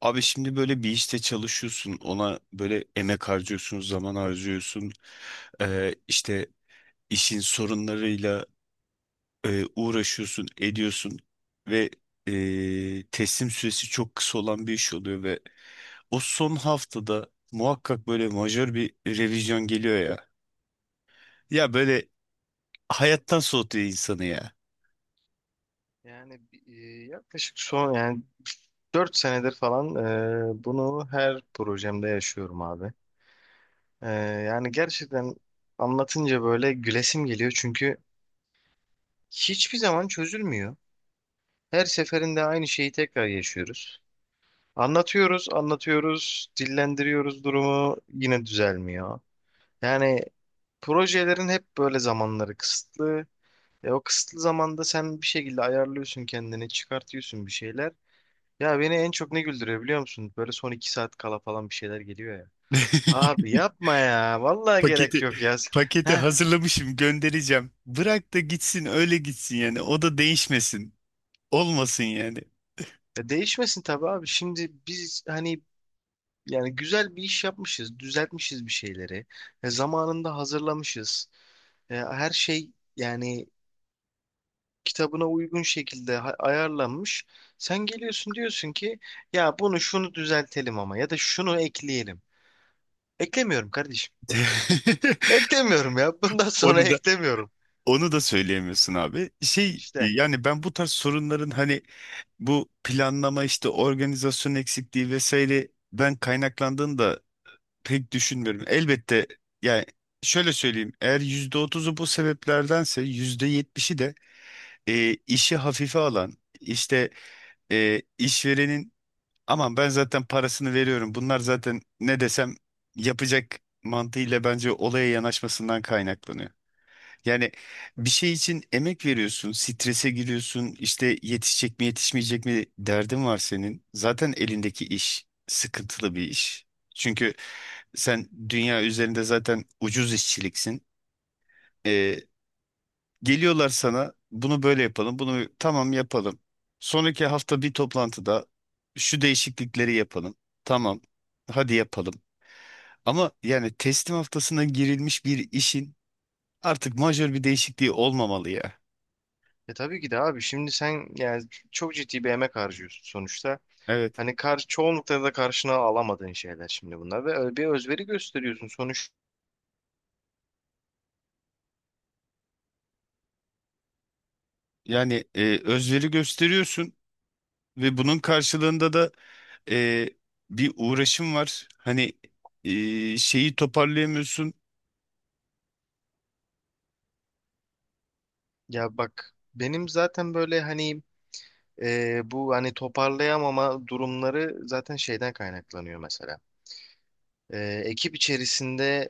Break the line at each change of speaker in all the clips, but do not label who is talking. Abi şimdi böyle bir işte çalışıyorsun, ona böyle emek harcıyorsun, zaman harcıyorsun. İşte işin sorunlarıyla uğraşıyorsun, ediyorsun ve teslim süresi çok kısa olan bir iş oluyor ve o son haftada muhakkak böyle majör bir revizyon geliyor ya. Ya böyle hayattan soğutuyor insanı ya.
Yani e, yaklaşık son 4 senedir falan bunu her projemde yaşıyorum abi. E, Yani gerçekten anlatınca böyle gülesim geliyor çünkü hiçbir zaman çözülmüyor. Her seferinde aynı şeyi tekrar yaşıyoruz. Anlatıyoruz, anlatıyoruz, dillendiriyoruz durumu yine düzelmiyor. Yani projelerin hep böyle zamanları kısıtlı. O kısıtlı zamanda sen bir şekilde ayarlıyorsun kendini, çıkartıyorsun bir şeyler. Ya beni en çok ne güldürüyor biliyor musun? Böyle son iki saat kala falan bir şeyler geliyor ya. Abi yapma ya. Vallahi gerek
Paketi
yok ya.
paketi
Heh,
hazırlamışım, göndereceğim. Bırak da gitsin, öyle gitsin yani, o da değişmesin. Olmasın yani.
değişmesin tabii abi. Şimdi biz hani yani güzel bir iş yapmışız. Düzeltmişiz bir şeyleri. Zamanında hazırlamışız. Her şey yani kitabına uygun şekilde ayarlanmış. Sen geliyorsun diyorsun ki ya bunu şunu düzeltelim ama ya da şunu ekleyelim. Eklemiyorum kardeşim. Eklemiyorum ya. Bundan sonra
Onu da
eklemiyorum.
onu da söyleyemiyorsun abi.
İşte.
Yani ben bu tarz sorunların, hani bu planlama, işte organizasyon eksikliği vesaire, ben kaynaklandığını da pek düşünmüyorum. Elbette, yani şöyle söyleyeyim: eğer %30'u bu sebeplerdense, %70'i de işi hafife alan, işte işverenin "Aman, ben zaten parasını veriyorum. Bunlar zaten ne desem yapacak" mantığıyla bence olaya yanaşmasından kaynaklanıyor. Yani bir şey için emek veriyorsun, strese giriyorsun, işte yetişecek mi yetişmeyecek mi derdin var senin. Zaten elindeki iş sıkıntılı bir iş. Çünkü sen dünya üzerinde zaten ucuz işçiliksin. Ee, Geliyorlar sana, bunu böyle yapalım, bunu tamam yapalım. Sonraki hafta bir toplantıda şu değişiklikleri yapalım. Tamam, hadi yapalım. Ama yani teslim haftasına girilmiş bir işin artık majör bir değişikliği olmamalı ya.
E tabii ki de abi şimdi sen yani çok ciddi bir emek harcıyorsun sonuçta.
Evet.
Hani kar çoğunlukla da karşına alamadığın şeyler şimdi bunlar ve öyle bir özveri gösteriyorsun sonuç.
Yani özveri gösteriyorsun ve bunun karşılığında da e, bir uğraşım var. Hani şeyi toparlayamıyorsun.
Ya bak benim zaten böyle hani bu hani toparlayamama durumları zaten şeyden kaynaklanıyor mesela. E, Ekip içerisinde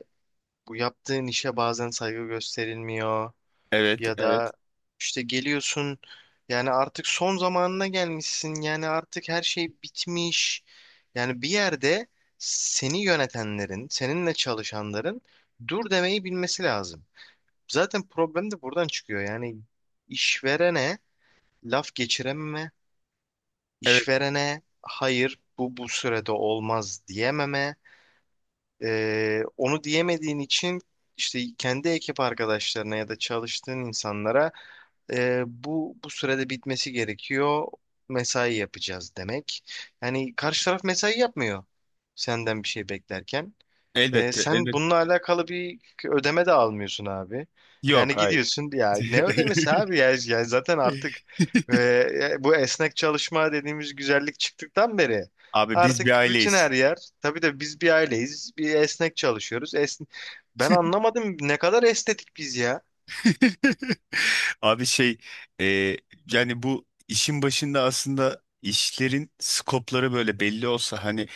bu yaptığın işe bazen saygı gösterilmiyor.
Evet,
Ya
evet,
da işte geliyorsun yani artık son zamanına gelmişsin yani artık her şey bitmiş. Yani bir yerde seni yönetenlerin, seninle çalışanların dur demeyi bilmesi lazım. Zaten problem de buradan çıkıyor. Yani işverene laf geçirememe,
evet.
işverene hayır bu sürede olmaz diyememe. Onu diyemediğin için işte kendi ekip arkadaşlarına ya da çalıştığın insanlara bu sürede bitmesi gerekiyor. Mesai yapacağız demek. Yani karşı taraf mesai yapmıyor senden bir şey beklerken.
Elbette,
Sen
elbette.
bununla alakalı bir ödeme de almıyorsun abi. Yani
Yok, hayır.
gidiyorsun ya ne ödemesi abi ya, ya zaten artık e, bu esnek çalışma dediğimiz güzellik çıktıktan beri
Abi, biz
artık
bir
bütün her
aileyiz.
yer tabii de biz bir aileyiz bir esnek çalışıyoruz. Esn ben anlamadım ne kadar estetik biz ya.
Abi, e, yani bu işin başında aslında işlerin skopları böyle belli olsa, hani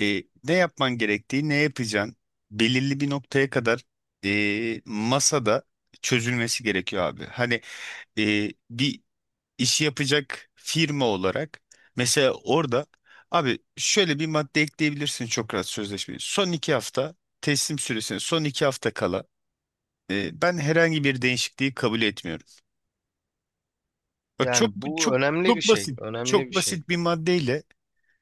ne yapman gerektiği, ne yapacaksın, belirli bir noktaya kadar masada çözülmesi gerekiyor abi. Hani bir işi yapacak firma olarak mesela orada, abi, şöyle bir madde ekleyebilirsin çok rahat sözleşmeyi. Son 2 hafta, teslim süresine son 2 hafta kala, e, ben herhangi bir değişikliği kabul etmiyorum. Bak, çok
Yani bu
çok
önemli bir
çok
şey
basit.
önemli
Çok
bir şey.
basit bir maddeyle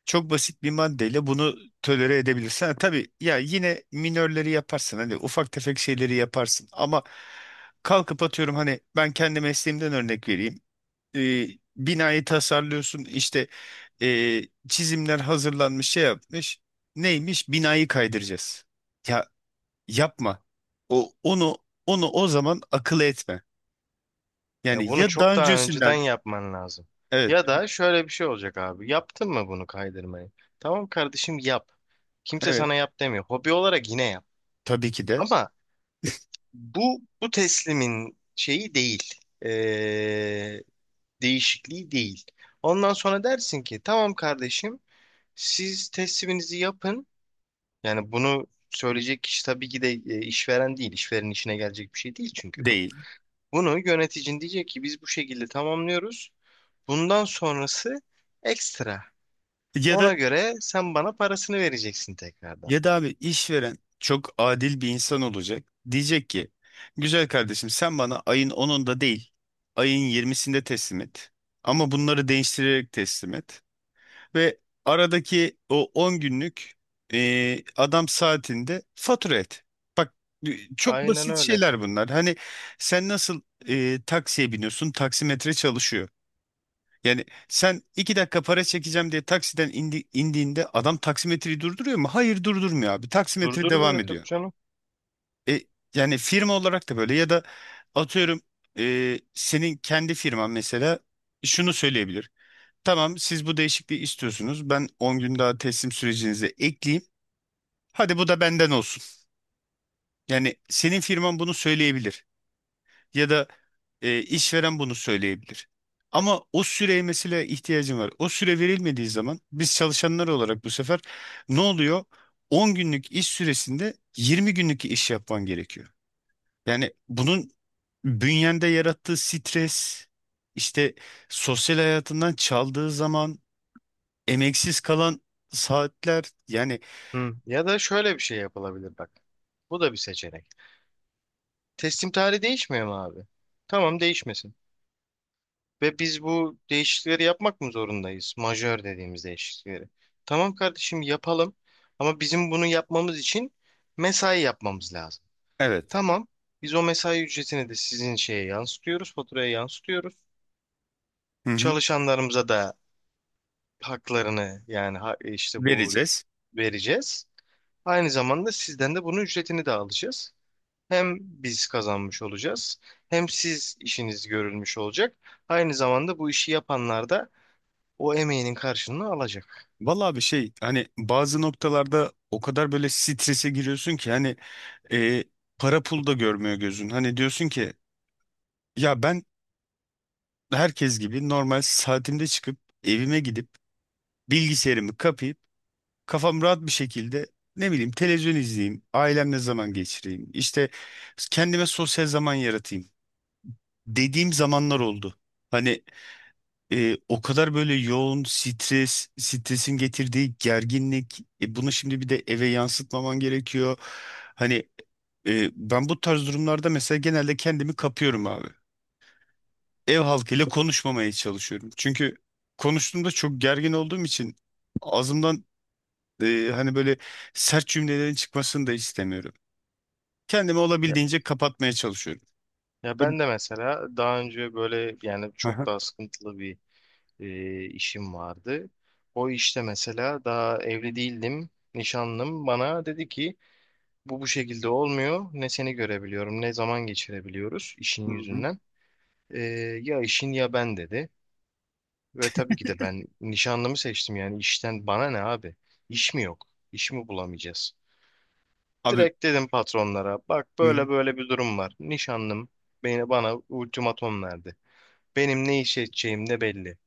çok basit bir maddeyle bunu tolere edebilirsin. Ha, tabii ya, yine minörleri yaparsın. Hani ufak tefek şeyleri yaparsın. Ama kalkıp atıyorum, hani ben kendi mesleğimden örnek vereyim. E, Binayı tasarlıyorsun, işte e, çizimler hazırlanmış, şey yapmış. Neymiş? Binayı kaydıracağız. Ya, yapma. Onu onu o zaman akıl etme.
Ya
Yani,
bunu
ya daha
çok daha önceden
öncesinden,
yapman lazım.
evet,
Ya da şöyle bir şey olacak abi. Yaptın mı bunu kaydırmayı? Tamam kardeşim yap. Kimse
evet,
sana yap demiyor. Hobi olarak yine yap.
tabii ki de.
Ama bu teslimin şeyi değil. Ee, Değişikliği değil. Ondan sonra dersin ki tamam kardeşim siz tesliminizi yapın. Yani bunu söyleyecek kişi tabii ki de işveren değil. İşverenin işine gelecek bir şey değil çünkü bu.
Değil.
Bunu yöneticin diyecek ki biz bu şekilde tamamlıyoruz. Bundan sonrası ekstra.
Ya da,
Ona göre sen bana parasını vereceksin tekrardan.
ya da abi, işveren çok adil bir insan olacak. Diyecek ki güzel kardeşim, sen bana ayın onunda değil, ayın yirmisinde teslim et. Ama bunları değiştirerek teslim et. Ve aradaki o 10 günlük adam saatinde fatura et. Bak, çok
Aynen
basit
öyle.
şeyler bunlar. Hani sen nasıl taksiye biniyorsun, taksimetre çalışıyor. Yani sen 2 dakika para çekeceğim diye taksiden indiğinde adam taksimetreyi durduruyor mu? Hayır, durdurmuyor abi. Taksimetre devam
Durdurmuyor
ediyor.
tabii canım.
E, Yani firma olarak da böyle, ya da atıyorum senin kendi firman mesela şunu söyleyebilir: tamam, siz bu değişikliği istiyorsunuz, ben 10 gün daha teslim sürecinize ekleyeyim. Hadi bu da benden olsun. Yani senin firman bunu söyleyebilir. Ya da işveren bunu söyleyebilir. Ama o süreye mesela ihtiyacım var. O süre verilmediği zaman biz çalışanlar olarak bu sefer ne oluyor? 10 günlük iş süresinde 20 günlük iş yapman gerekiyor. Yani bunun bünyende yarattığı stres, işte sosyal hayatından çaldığı zaman, emeksiz kalan saatler yani.
Hı. Ya da şöyle bir şey yapılabilir bak. Bu da bir seçenek. Teslim tarihi değişmiyor mu abi? Tamam değişmesin. Ve biz bu değişiklikleri yapmak mı zorundayız? Majör dediğimiz değişiklikleri. Tamam kardeşim yapalım. Ama bizim bunu yapmamız için mesai yapmamız lazım.
Evet.
Tamam. Biz o mesai ücretini de sizin şeye yansıtıyoruz, faturaya yansıtıyoruz.
Hı hı.
Çalışanlarımıza da haklarını yani işte bu
Vereceğiz.
vereceğiz. Aynı zamanda sizden de bunun ücretini de alacağız. Hem biz kazanmış olacağız, hem siz işiniz görülmüş olacak. Aynı zamanda bu işi yapanlar da o emeğinin karşılığını alacak.
Vallahi bir şey, hani bazı noktalarda o kadar böyle strese giriyorsun ki, hani e, para pul da görmüyor gözün. Hani diyorsun ki ya ben herkes gibi normal saatimde çıkıp, evime gidip, bilgisayarımı kapayıp, kafam rahat bir şekilde, ne bileyim, televizyon izleyeyim, ailemle zaman geçireyim, işte kendime sosyal zaman yaratayım dediğim zamanlar oldu. Hani o kadar böyle yoğun stres, stresin getirdiği gerginlik, bunu şimdi bir de eve yansıtmaman gerekiyor. Hani ben bu tarz durumlarda mesela genelde kendimi kapıyorum abi. Ev halkıyla konuşmamaya çalışıyorum. Çünkü konuştuğumda çok gergin olduğum için ağzımdan hani böyle sert cümlelerin çıkmasını da istemiyorum. Kendimi
Ya,
olabildiğince kapatmaya çalışıyorum.
ya
E,
ben de mesela daha önce böyle yani çok
Aha.
daha sıkıntılı bir işim vardı. O işte mesela daha evli değildim, nişanlım bana dedi ki bu şekilde olmuyor. Ne seni görebiliyorum, ne zaman geçirebiliyoruz işin
Hı hı.
yüzünden. E, Ya işin ya ben dedi. Ve tabii ki de ben nişanlımı seçtim yani işten bana ne abi? İş mi yok? İş mi bulamayacağız?
Abi.
Direkt dedim patronlara bak
Hı hı.
böyle böyle bir durum var. Nişanlım bana ultimatom verdi. Benim ne iş edeceğim de belli.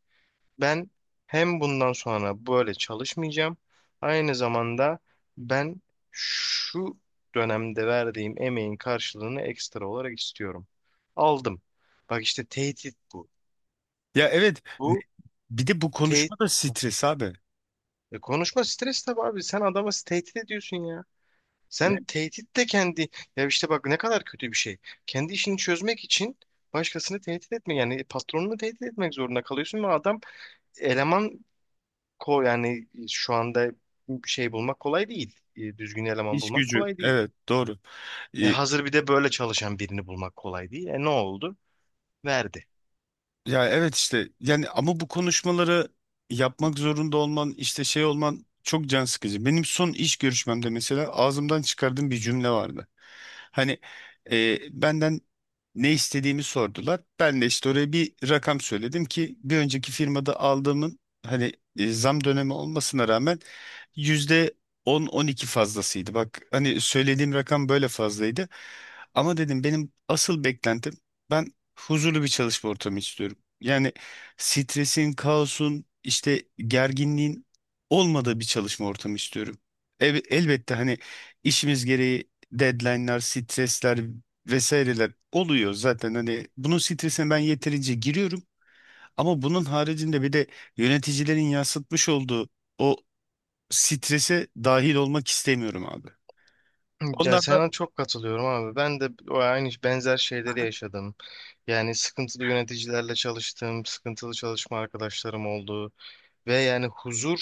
Ben hem bundan sonra böyle çalışmayacağım. Aynı zamanda ben şu dönemde verdiğim emeğin karşılığını ekstra olarak istiyorum. Aldım. Bak işte tehdit bu.
Ya evet,
Bu
bir de bu
tehdit.
konuşma da stres abi.
E konuşma stres tabii abi. Sen adamı tehdit ediyorsun ya. Sen tehdit de kendi. Ya işte bak ne kadar kötü bir şey. Kendi işini çözmek için başkasını tehdit etme. Yani patronunu tehdit etmek zorunda kalıyorsun ve adam eleman ko yani şu anda şey bulmak kolay değil. Düzgün eleman
İş
bulmak
gücü.
kolay değil.
Evet, doğru. E,
Hazır bir de böyle çalışan birini bulmak kolay değil. E ne oldu? Verdi.
Ya evet, işte yani, ama bu konuşmaları yapmak zorunda olman, işte şey olman çok can sıkıcı. Benim son iş görüşmemde mesela ağzımdan çıkardığım bir cümle vardı. Hani benden ne istediğimi sordular. Ben de işte oraya bir rakam söyledim ki bir önceki firmada aldığımın, hani zam dönemi olmasına rağmen %10-12 fazlasıydı. Bak, hani söylediğim rakam böyle fazlaydı. Ama dedim benim asıl beklentim, ben huzurlu bir çalışma ortamı istiyorum. Yani stresin, kaosun, işte gerginliğin olmadığı bir çalışma ortamı istiyorum. Elbette, hani işimiz gereği deadline'lar, stresler vesaireler oluyor zaten. Hani bunun stresine ben yeterince giriyorum. Ama bunun haricinde bir de yöneticilerin yansıtmış olduğu o strese dahil olmak istemiyorum abi.
Ya
Onlar da
sana çok katılıyorum abi. Ben de o aynı benzer şeyleri yaşadım. Yani sıkıntılı yöneticilerle çalıştım, sıkıntılı çalışma arkadaşlarım oldu. Ve yani huzur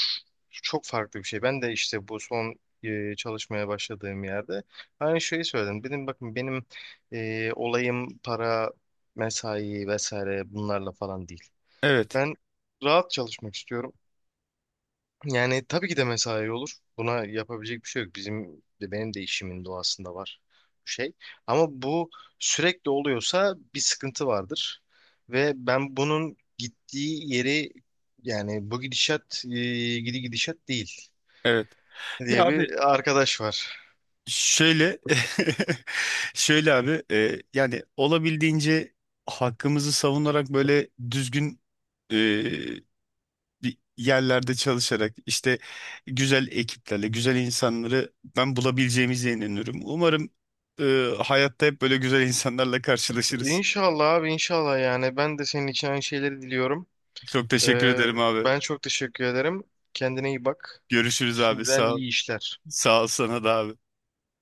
çok farklı bir şey. Ben de işte bu son çalışmaya başladığım yerde aynı şeyi söyledim. Dedim bakın benim olayım para, mesai vesaire bunlarla falan değil.
evet,
Ben rahat çalışmak istiyorum. Yani tabii ki de mesai olur. Buna yapabilecek bir şey yok. Bizim de benim de işimin doğasında var bu şey. Ama bu sürekli oluyorsa bir sıkıntı vardır. Ve ben bunun gittiği yeri yani bu gidişat gidişat değil
evet. Ya
diye
abi,
bir arkadaş var.
şöyle, şöyle abi, yani olabildiğince hakkımızı savunarak, böyle düzgün e, bir yerlerde çalışarak, işte güzel ekiplerle, güzel insanları ben bulabileceğimize inanıyorum. Umarım hayatta hep böyle güzel insanlarla karşılaşırız.
İnşallah abi inşallah yani ben de senin için aynı şeyleri diliyorum.
Çok teşekkür
Ee,
ederim abi.
Ben çok teşekkür ederim. Kendine iyi bak.
Görüşürüz abi.
Şimdiden
Sağ ol.
iyi işler.
Sağ ol sana da abi.